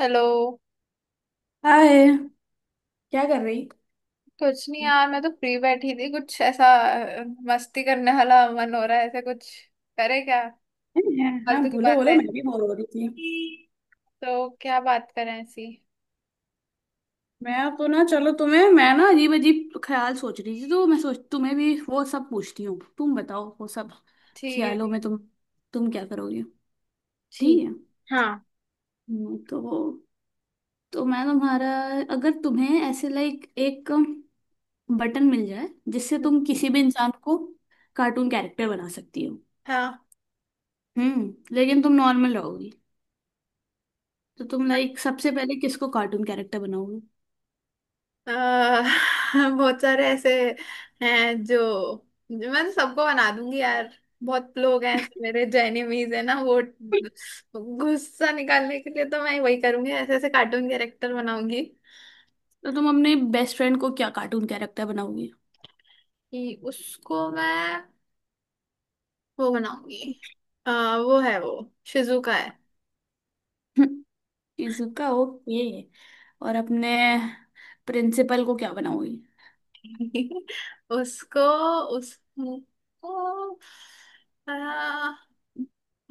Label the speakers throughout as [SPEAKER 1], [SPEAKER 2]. [SPEAKER 1] Hello.
[SPEAKER 2] Hi. क्या कर रही।
[SPEAKER 1] कुछ नहीं यार, मैं तो फ्री बैठी थी। कुछ ऐसा अ, मस्ती करने वाला मन हो रहा है। ऐसा कुछ करे क्या?
[SPEAKER 2] नहीं है। हाँ,
[SPEAKER 1] फालतू की
[SPEAKER 2] बोलो
[SPEAKER 1] बात
[SPEAKER 2] बोलो।
[SPEAKER 1] है।
[SPEAKER 2] मैं भी बोर हो रही थी।
[SPEAKER 1] तो क्या बात करें ऐसी?
[SPEAKER 2] मैं तो ना, चलो तुम्हें, मैं ना अजीब अजीब ख्याल सोच रही थी, तो मैं सोच तुम्हें भी वो सब पूछती हूँ, तुम बताओ वो सब।
[SPEAKER 1] ठीक है,
[SPEAKER 2] ख्यालों में
[SPEAKER 1] ठीक
[SPEAKER 2] तुम क्या करोगे। ठीक
[SPEAKER 1] ठीक।
[SPEAKER 2] है।
[SPEAKER 1] हाँ।
[SPEAKER 2] हम्म, तो तो मैं तुम्हारा, अगर तुम्हें ऐसे लाइक एक बटन मिल जाए जिससे तुम किसी भी इंसान को कार्टून कैरेक्टर बना सकती हो।
[SPEAKER 1] हाँ,
[SPEAKER 2] लेकिन तुम नॉर्मल रहोगी, तो तुम लाइक सबसे पहले किसको कार्टून कैरेक्टर बनाओगे।
[SPEAKER 1] अ, बहुत सारे ऐसे हैं जो जो मैं तो सबको बना दूंगी यार। बहुत लोग हैं ऐसे मेरे जो एनिमीज है ना, वो गुस्सा निकालने के लिए तो मैं वही करूंगी, ऐसे ऐसे कार्टून कैरेक्टर बनाऊंगी।
[SPEAKER 2] तो तुम अपने बेस्ट फ्रेंड को क्या कार्टून कैरेक्टर बनाओगी।
[SPEAKER 1] कि उसको मैं वो बनाऊंगी। वो है, वो शिजुका है।
[SPEAKER 2] Shizuka okay. और अपने प्रिंसिपल को क्या बनाओगी।
[SPEAKER 1] उसको उस उनको, आ,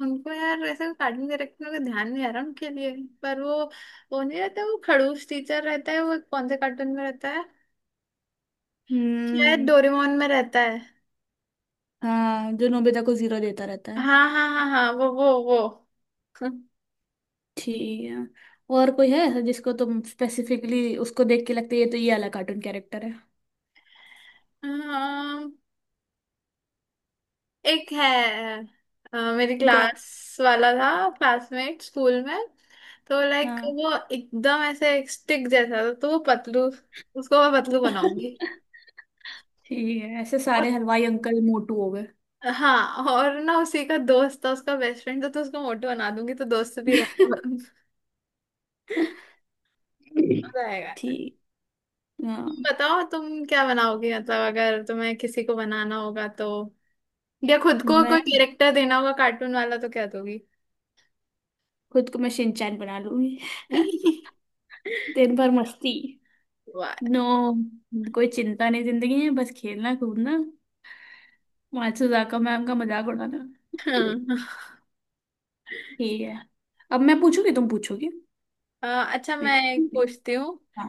[SPEAKER 1] उनको यार ऐसे कार्टून कैरेक्टर का ध्यान नहीं आ रहा उनके लिए। पर वो नहीं रहता, वो खड़ूस टीचर रहता है। वो कौन से कार्टून में रहता है? शायद
[SPEAKER 2] हम्म।
[SPEAKER 1] डोरेमोन में रहता है।
[SPEAKER 2] हाँ, जो नोबिता को जीरो देता रहता है।
[SPEAKER 1] हाँ हाँ हाँ हाँ, वो
[SPEAKER 2] ठीक है। और कोई है ऐसा जिसको तुम स्पेसिफिकली उसको देख के लगता है ये तो ये वाला कार्टून कैरेक्टर है।
[SPEAKER 1] हाँ, एक है। मेरी
[SPEAKER 2] गो।
[SPEAKER 1] क्लास वाला था, क्लासमेट स्कूल में। तो लाइक
[SPEAKER 2] हाँ।
[SPEAKER 1] वो एकदम ऐसे एक स्टिक जैसा था, तो वो पतलू। उसको मैं पतलू बनाऊंगी।
[SPEAKER 2] ठीक है, ऐसे सारे
[SPEAKER 1] और
[SPEAKER 2] हलवाई अंकल मोटू हो गए।
[SPEAKER 1] हाँ, और ना उसी का दोस्त था, उसका बेस्ट फ्रेंड था, तो उसको मोटू बना दूंगी, तो दोस्त भी रहेगा मजा आएगा।
[SPEAKER 2] ठीक। हाँ।
[SPEAKER 1] तुम बताओ, तुम क्या बनाओगी? मतलब अगर तुम्हें किसी को बनाना होगा तो, या खुद को
[SPEAKER 2] मैं
[SPEAKER 1] कोई कैरेक्टर देना होगा कार्टून वाला, तो क्या दोगी?
[SPEAKER 2] खुद को मैं शिनचैन बना लूंगी। दिन भर मस्ती।
[SPEAKER 1] वाह।
[SPEAKER 2] नो, कोई चिंता नहीं जिंदगी में, बस खेलना कूदना, मात्सुजाका मैम का मजाक उड़ाना।
[SPEAKER 1] हाँ।
[SPEAKER 2] ठीक है, अब मैं पूछूंगी तुम पूछोगे।
[SPEAKER 1] अ, अच्छा, मैं
[SPEAKER 2] देखो।
[SPEAKER 1] एक पूछती हूँ।
[SPEAKER 2] हाँ।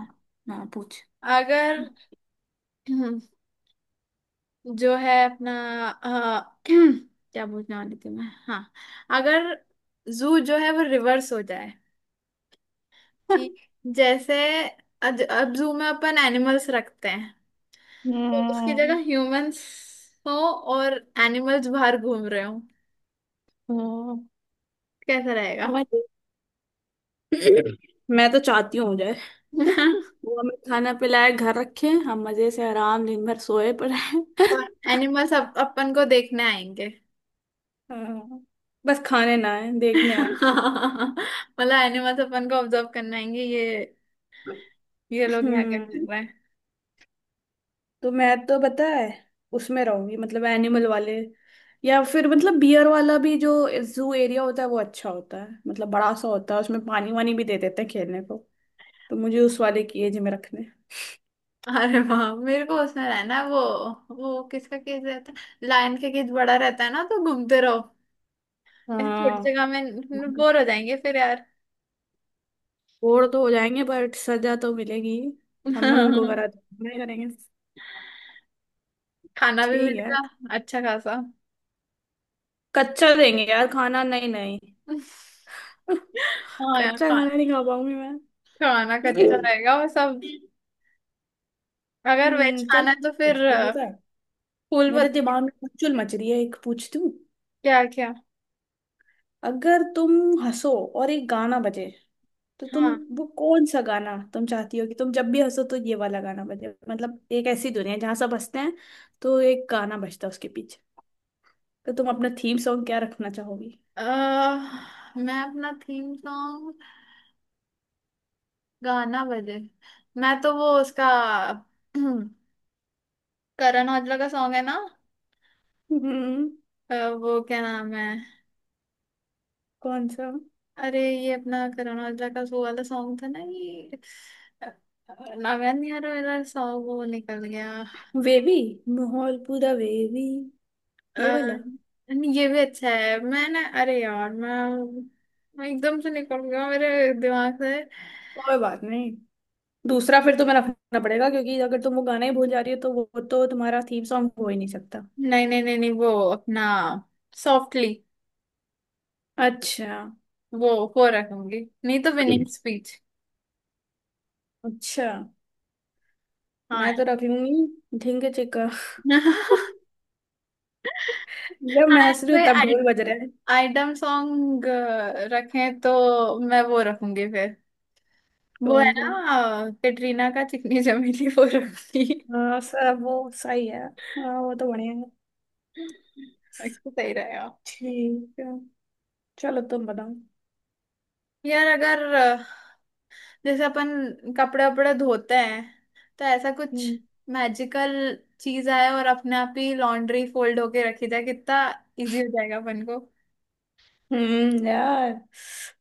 [SPEAKER 2] हाँ, पूछ।
[SPEAKER 1] अगर जो है अपना, अ, क्या बोलने वाली थी मैं, हाँ। अगर जू जो है वो रिवर्स हो जाए, कि जैसे अब जू में अपन एनिमल्स रखते हैं, तो उसकी
[SPEAKER 2] हम्म।
[SPEAKER 1] जगह ह्यूमंस हो और एनिमल्स बाहर घूम रहे हो।
[SPEAKER 2] हम्म,
[SPEAKER 1] कैसा रहेगा?
[SPEAKER 2] हमारी, मैं तो चाहती हूँ हो जाए। वो हमें खाना पिलाए, घर रखे, हम मजे से आराम दिन भर सोए पड़े।
[SPEAKER 1] और एनिमल्स अपन को देखने आएंगे।
[SPEAKER 2] हाँ, बस खाने ना आए, देखने आए।
[SPEAKER 1] मतलब एनिमल्स अपन को ऑब्जर्व करने आएंगे, ये लोग यहाँ क्या कर
[SPEAKER 2] हम्म।
[SPEAKER 1] रहे हैं।
[SPEAKER 2] तो मैं तो पता है, उसमें रहूंगी मतलब एनिमल वाले, या फिर मतलब बियर वाला भी जो जू एरिया होता है वो अच्छा होता है, मतलब बड़ा सा होता है, उसमें पानी वानी भी दे देते हैं खेलने को। तो मुझे उस वाले की एज में रखने।
[SPEAKER 1] अरे वाह, मेरे को उसमें रहना है। वो किसका केस रहता है, लायन का केस बड़ा रहता है ना, तो घूमते रहो। ऐसे छोटी
[SPEAKER 2] हाँ।
[SPEAKER 1] जगह में बोर हो जाएंगे फिर यार।
[SPEAKER 2] बोर तो हो जाएंगे बट सजा तो मिलेगी। हमने उनको करा तो हमने करेंगे।
[SPEAKER 1] खाना भी
[SPEAKER 2] ठीक है।
[SPEAKER 1] मिलेगा अच्छा खासा।
[SPEAKER 2] कच्चा देंगे यार खाना, नहीं नहीं।
[SPEAKER 1] हाँ यार,
[SPEAKER 2] कच्चा खाना नहीं खा पाऊंगी मैं।
[SPEAKER 1] खाना कच्चा रहेगा और सब। अगर वेज
[SPEAKER 2] चल।
[SPEAKER 1] खाना है तो फिर फूल
[SPEAKER 2] मेरे
[SPEAKER 1] बत।
[SPEAKER 2] दिमाग में हलचल मच रही है, एक पूछती हूँ।
[SPEAKER 1] क्या क्या?
[SPEAKER 2] अगर तुम हंसो और एक गाना बजे, तो तुम,
[SPEAKER 1] हाँ,
[SPEAKER 2] वो कौन सा गाना तुम चाहती हो कि तुम जब भी हंसो तो ये वाला गाना बजे। मतलब एक ऐसी दुनिया है जहाँ सब हंसते हैं, तो एक गाना बजता है उसके पीछे। तो तुम अपना थीम सॉन्ग क्या रखना चाहोगी।
[SPEAKER 1] अ, मैं अपना थीम सॉन्ग, गाना बजे, मैं तो वो उसका करण औजला का सॉन्ग है ना।
[SPEAKER 2] हम्म।
[SPEAKER 1] अ, वो क्या नाम है?
[SPEAKER 2] कौन सा।
[SPEAKER 1] अरे ये अपना करण औजला का वो वाला सॉन्ग था ना ये, अ, नागान। यार मेरा सॉन्ग वो निकल गया।
[SPEAKER 2] वेवी, माहौल पूरा वेवी, ये वाला।
[SPEAKER 1] नहीं, ये भी अच्छा है। मैं ना अरे यार मैं एकदम से निकल गया मेरे दिमाग से।
[SPEAKER 2] कोई बात नहीं, दूसरा फिर तुम्हें रखना पड़ेगा, क्योंकि अगर तुम वो गाना ही भूल जा रही हो तो वो, तो तुम्हारा थीम सॉन्ग हो ही नहीं सकता।
[SPEAKER 1] नहीं नहीं नहीं नहीं, वो अपना सॉफ्टली,
[SPEAKER 2] अच्छा।
[SPEAKER 1] वो वो रखूंगी। नहीं तो विनिंग स्पीच।
[SPEAKER 2] अच्छा।
[SPEAKER 1] हाँ
[SPEAKER 2] मैं तो रख लूंगी ढींगे चिक्का। जब मैं
[SPEAKER 1] हाँ,
[SPEAKER 2] हंस रही हूँ तब
[SPEAKER 1] कोई
[SPEAKER 2] ढोल बज रहा है।
[SPEAKER 1] आइटम सॉन्ग रखें तो मैं वो रखूंगी फिर। वो है
[SPEAKER 2] कौन सा।
[SPEAKER 1] ना कैटरीना का, चिकनी चमेली, वो रखी।
[SPEAKER 2] हाँ, सब वो सही है। हाँ, वो तो बढ़िया है।
[SPEAKER 1] अच्छा, सही रहेगा।
[SPEAKER 2] ठीक है, चलो तुम बताओ।
[SPEAKER 1] यार अगर जैसे अपन कपड़े वपड़े धोते हैं, तो ऐसा कुछ
[SPEAKER 2] हम्म।
[SPEAKER 1] मैजिकल चीज आए और अपने आप ही लॉन्ड्री फोल्ड होके रखी जाए, कितना इजी हो जाएगा अपन को।
[SPEAKER 2] यार,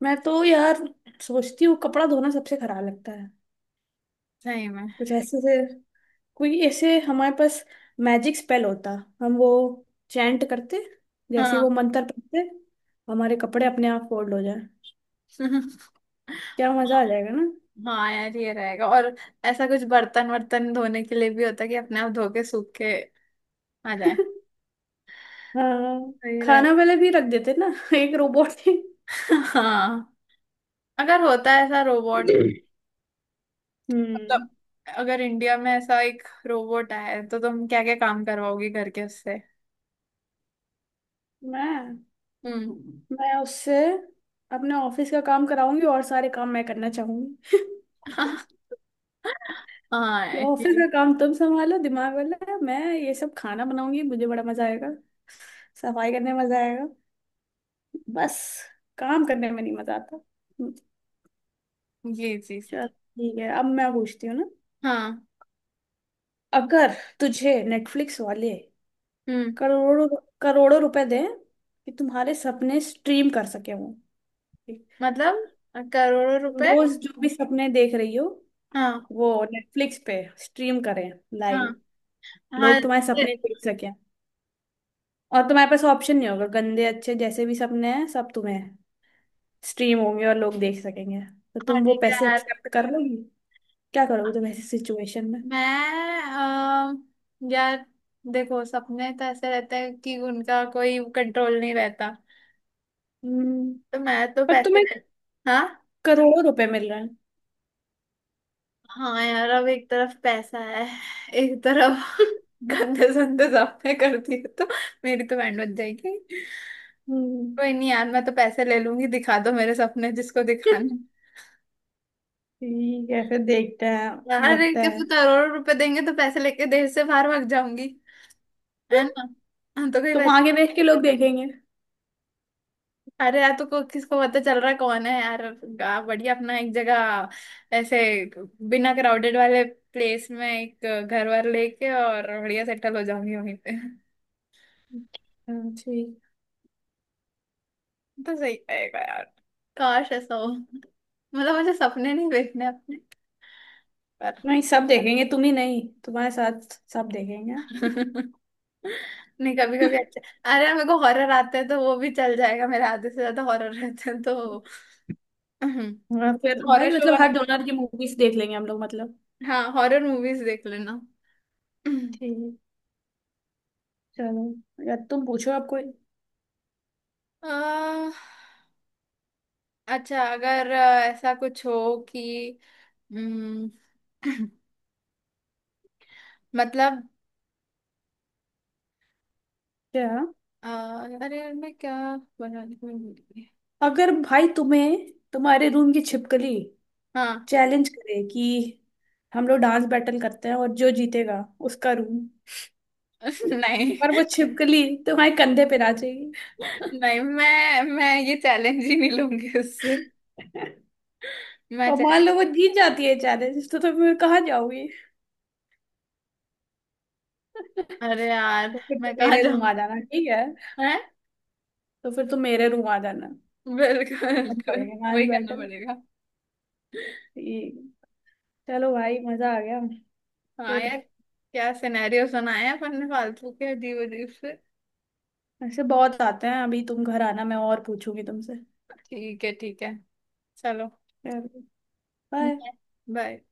[SPEAKER 2] मैं तो यार सोचती हूँ कपड़ा धोना सबसे खराब लगता है।
[SPEAKER 1] सही में।
[SPEAKER 2] कुछ ऐसे से, कोई ऐसे हमारे पास मैजिक स्पेल होता, हम वो चैंट करते, जैसे ही
[SPEAKER 1] हाँ
[SPEAKER 2] वो मंत्र पढ़ते हमारे कपड़े अपने आप फोल्ड हो जाए। क्या मजा आ जाएगा ना।
[SPEAKER 1] हाँ यार, ये रहेगा। और ऐसा कुछ बर्तन वर्तन धोने के लिए भी होता है कि अपने आप धो के सूख के आ जाए।
[SPEAKER 2] हाँ,
[SPEAKER 1] सही रहेगा।
[SPEAKER 2] खाना वाले भी रख देते ना। एक रोबोट ही।
[SPEAKER 1] हाँ, अगर होता है ऐसा रोबोट, मतलब
[SPEAKER 2] हम्म।
[SPEAKER 1] अगर इंडिया में ऐसा एक रोबोट आए तो तुम क्या क्या काम करवाओगी घर के उससे?
[SPEAKER 2] मैं
[SPEAKER 1] हम्म
[SPEAKER 2] मैं उससे अपने ऑफिस का काम कराऊंगी, और सारे काम मैं करना चाहूंगी।
[SPEAKER 1] हाँ,
[SPEAKER 2] ये ऑफिस
[SPEAKER 1] ये
[SPEAKER 2] का काम तुम संभालो दिमाग वाला, मैं ये सब खाना बनाऊंगी, मुझे बड़ा मजा आएगा। सफाई करने में मजा आएगा, बस काम करने में नहीं मजा आता।
[SPEAKER 1] ये चीज।
[SPEAKER 2] चल। ठीक है, अब मैं पूछती हूँ ना।
[SPEAKER 1] हाँ।
[SPEAKER 2] अगर तुझे नेटफ्लिक्स वाले
[SPEAKER 1] हम्म,
[SPEAKER 2] करोड़ों करोड़ों रुपए दें कि तुम्हारे सपने स्ट्रीम कर सके वो,
[SPEAKER 1] मतलब करोड़ों
[SPEAKER 2] तुम
[SPEAKER 1] रुपए?
[SPEAKER 2] रोज जो भी सपने देख रही हो
[SPEAKER 1] हाँ।
[SPEAKER 2] वो नेटफ्लिक्स पे स्ट्रीम करें
[SPEAKER 1] हाँ।
[SPEAKER 2] लाइव,
[SPEAKER 1] हाँ।
[SPEAKER 2] लोग तुम्हारे
[SPEAKER 1] ये-।
[SPEAKER 2] सपने देख सकें और तुम्हारे पास ऑप्शन नहीं होगा, गंदे अच्छे जैसे भी सपने हैं सब तुम्हें स्ट्रीम होंगे और लोग देख सकेंगे, तो
[SPEAKER 1] हाँ
[SPEAKER 2] तुम वो
[SPEAKER 1] ठीक है
[SPEAKER 2] पैसे
[SPEAKER 1] यार।
[SPEAKER 2] एक्सेप्ट कर लोगी। क्या करोगी तुम ऐसी सिचुएशन में।
[SPEAKER 1] मैं, यार देखो, सपने तो ऐसे रहते हैं कि उनका कोई कंट्रोल नहीं रहता,
[SPEAKER 2] हम्म।
[SPEAKER 1] तो मैं तो
[SPEAKER 2] पर
[SPEAKER 1] पैसे
[SPEAKER 2] तुम्हें
[SPEAKER 1] ले। हाँ।
[SPEAKER 2] करोड़ों रुपए मिल रहे हैं।
[SPEAKER 1] हाँ यार, अब एक तरफ पैसा है, एक तरफ गंदे संदे सपने कर दिए तो मेरी तो बैंड बज जाएगी।
[SPEAKER 2] हम्म,
[SPEAKER 1] कोई नहीं यार, मैं तो पैसे ले लूंगी, दिखा दो मेरे सपने जिसको दिखाने।
[SPEAKER 2] ठीक है, फिर देखते हैं।
[SPEAKER 1] यार एक
[SPEAKER 2] लगता
[SPEAKER 1] तो
[SPEAKER 2] है
[SPEAKER 1] करोड़ों रुपए देंगे, तो पैसे लेके देश से बाहर भाग जाऊंगी। है ना? हाँ, तो कोई
[SPEAKER 2] तुम
[SPEAKER 1] पहचान।
[SPEAKER 2] आगे देख के लोग देखेंगे।
[SPEAKER 1] अरे यार, तो किसको पता चल रहा है कौन है यार। बढ़िया अपना एक जगह ऐसे बिना क्राउडेड वाले प्लेस में, एक घर वर लेके और बढ़िया सेटल हो जाऊंगी वहीं पे।
[SPEAKER 2] हाँ, ठीक है।
[SPEAKER 1] तो सही रहेगा यार। काश ऐसा हो, मतलब मुझे सपने नहीं देखने अपने पर।
[SPEAKER 2] नहीं, सब देखेंगे, तुम ही नहीं तुम्हारे साथ सब देखेंगे।
[SPEAKER 1] नहीं, कभी कभी अच्छा। अरे यार, मेरे को हॉरर आते हैं तो वो भी चल जाएगा, मेरे आधे से ज्यादा हॉरर रहते हैं तो
[SPEAKER 2] हाँ, फिर
[SPEAKER 1] हॉरर
[SPEAKER 2] भाई
[SPEAKER 1] शो
[SPEAKER 2] मतलब
[SPEAKER 1] बना।
[SPEAKER 2] हर डोनर की मूवीज देख लेंगे हम लोग मतलब।
[SPEAKER 1] हाँ, हॉरर मूवीज देख लेना।
[SPEAKER 2] ठीक। चलो, या तुम पूछो आप कोई।
[SPEAKER 1] अह, अच्छा अगर ऐसा कुछ हो कि, हम्म, मतलब
[SPEAKER 2] क्या।
[SPEAKER 1] अरे यार, मैं क्या बनाने को भूल गई।
[SPEAKER 2] अगर भाई तुम्हें, तुम्हारे रूम की छिपकली
[SPEAKER 1] हाँ।
[SPEAKER 2] चैलेंज करे कि हम लोग डांस बैटल करते हैं और जो जीतेगा उसका रूम,
[SPEAKER 1] नहीं
[SPEAKER 2] पर वो छिपकली तुम्हारे कंधे पे नाचेगी।
[SPEAKER 1] नहीं, मैं ये चैलेंज ही नहीं लूंगी उससे। मैं
[SPEAKER 2] और मान लो
[SPEAKER 1] चैलेंज।
[SPEAKER 2] वो जीत जाती है चैलेंज, तो तुम कहाँ जाओगी। तो
[SPEAKER 1] अरे यार
[SPEAKER 2] फिर तुम
[SPEAKER 1] मैं कहाँ
[SPEAKER 2] मेरे रूम
[SPEAKER 1] जाऊँ।
[SPEAKER 2] आ जाना, ठीक है।
[SPEAKER 1] है।
[SPEAKER 2] तो फिर तुम मेरे रूम आ जाना।
[SPEAKER 1] बिल्कुल
[SPEAKER 2] फिर हम
[SPEAKER 1] बिल्कुल,
[SPEAKER 2] करेंगे
[SPEAKER 1] वही
[SPEAKER 2] मैच
[SPEAKER 1] करना
[SPEAKER 2] बैटल।
[SPEAKER 1] पड़ेगा।
[SPEAKER 2] ठीक। चलो भाई, मजा आ गया।
[SPEAKER 1] हाँ
[SPEAKER 2] फिर,
[SPEAKER 1] यार, क्या सिनेरियो सुनाया अपन ने फालतू के अजीब अजीब से।
[SPEAKER 2] ऐसे बहुत आते हैं, अभी तुम घर आना मैं और पूछूंगी तुमसे।
[SPEAKER 1] ठीक है ठीक है, चलो।
[SPEAKER 2] बाय।
[SPEAKER 1] बाय।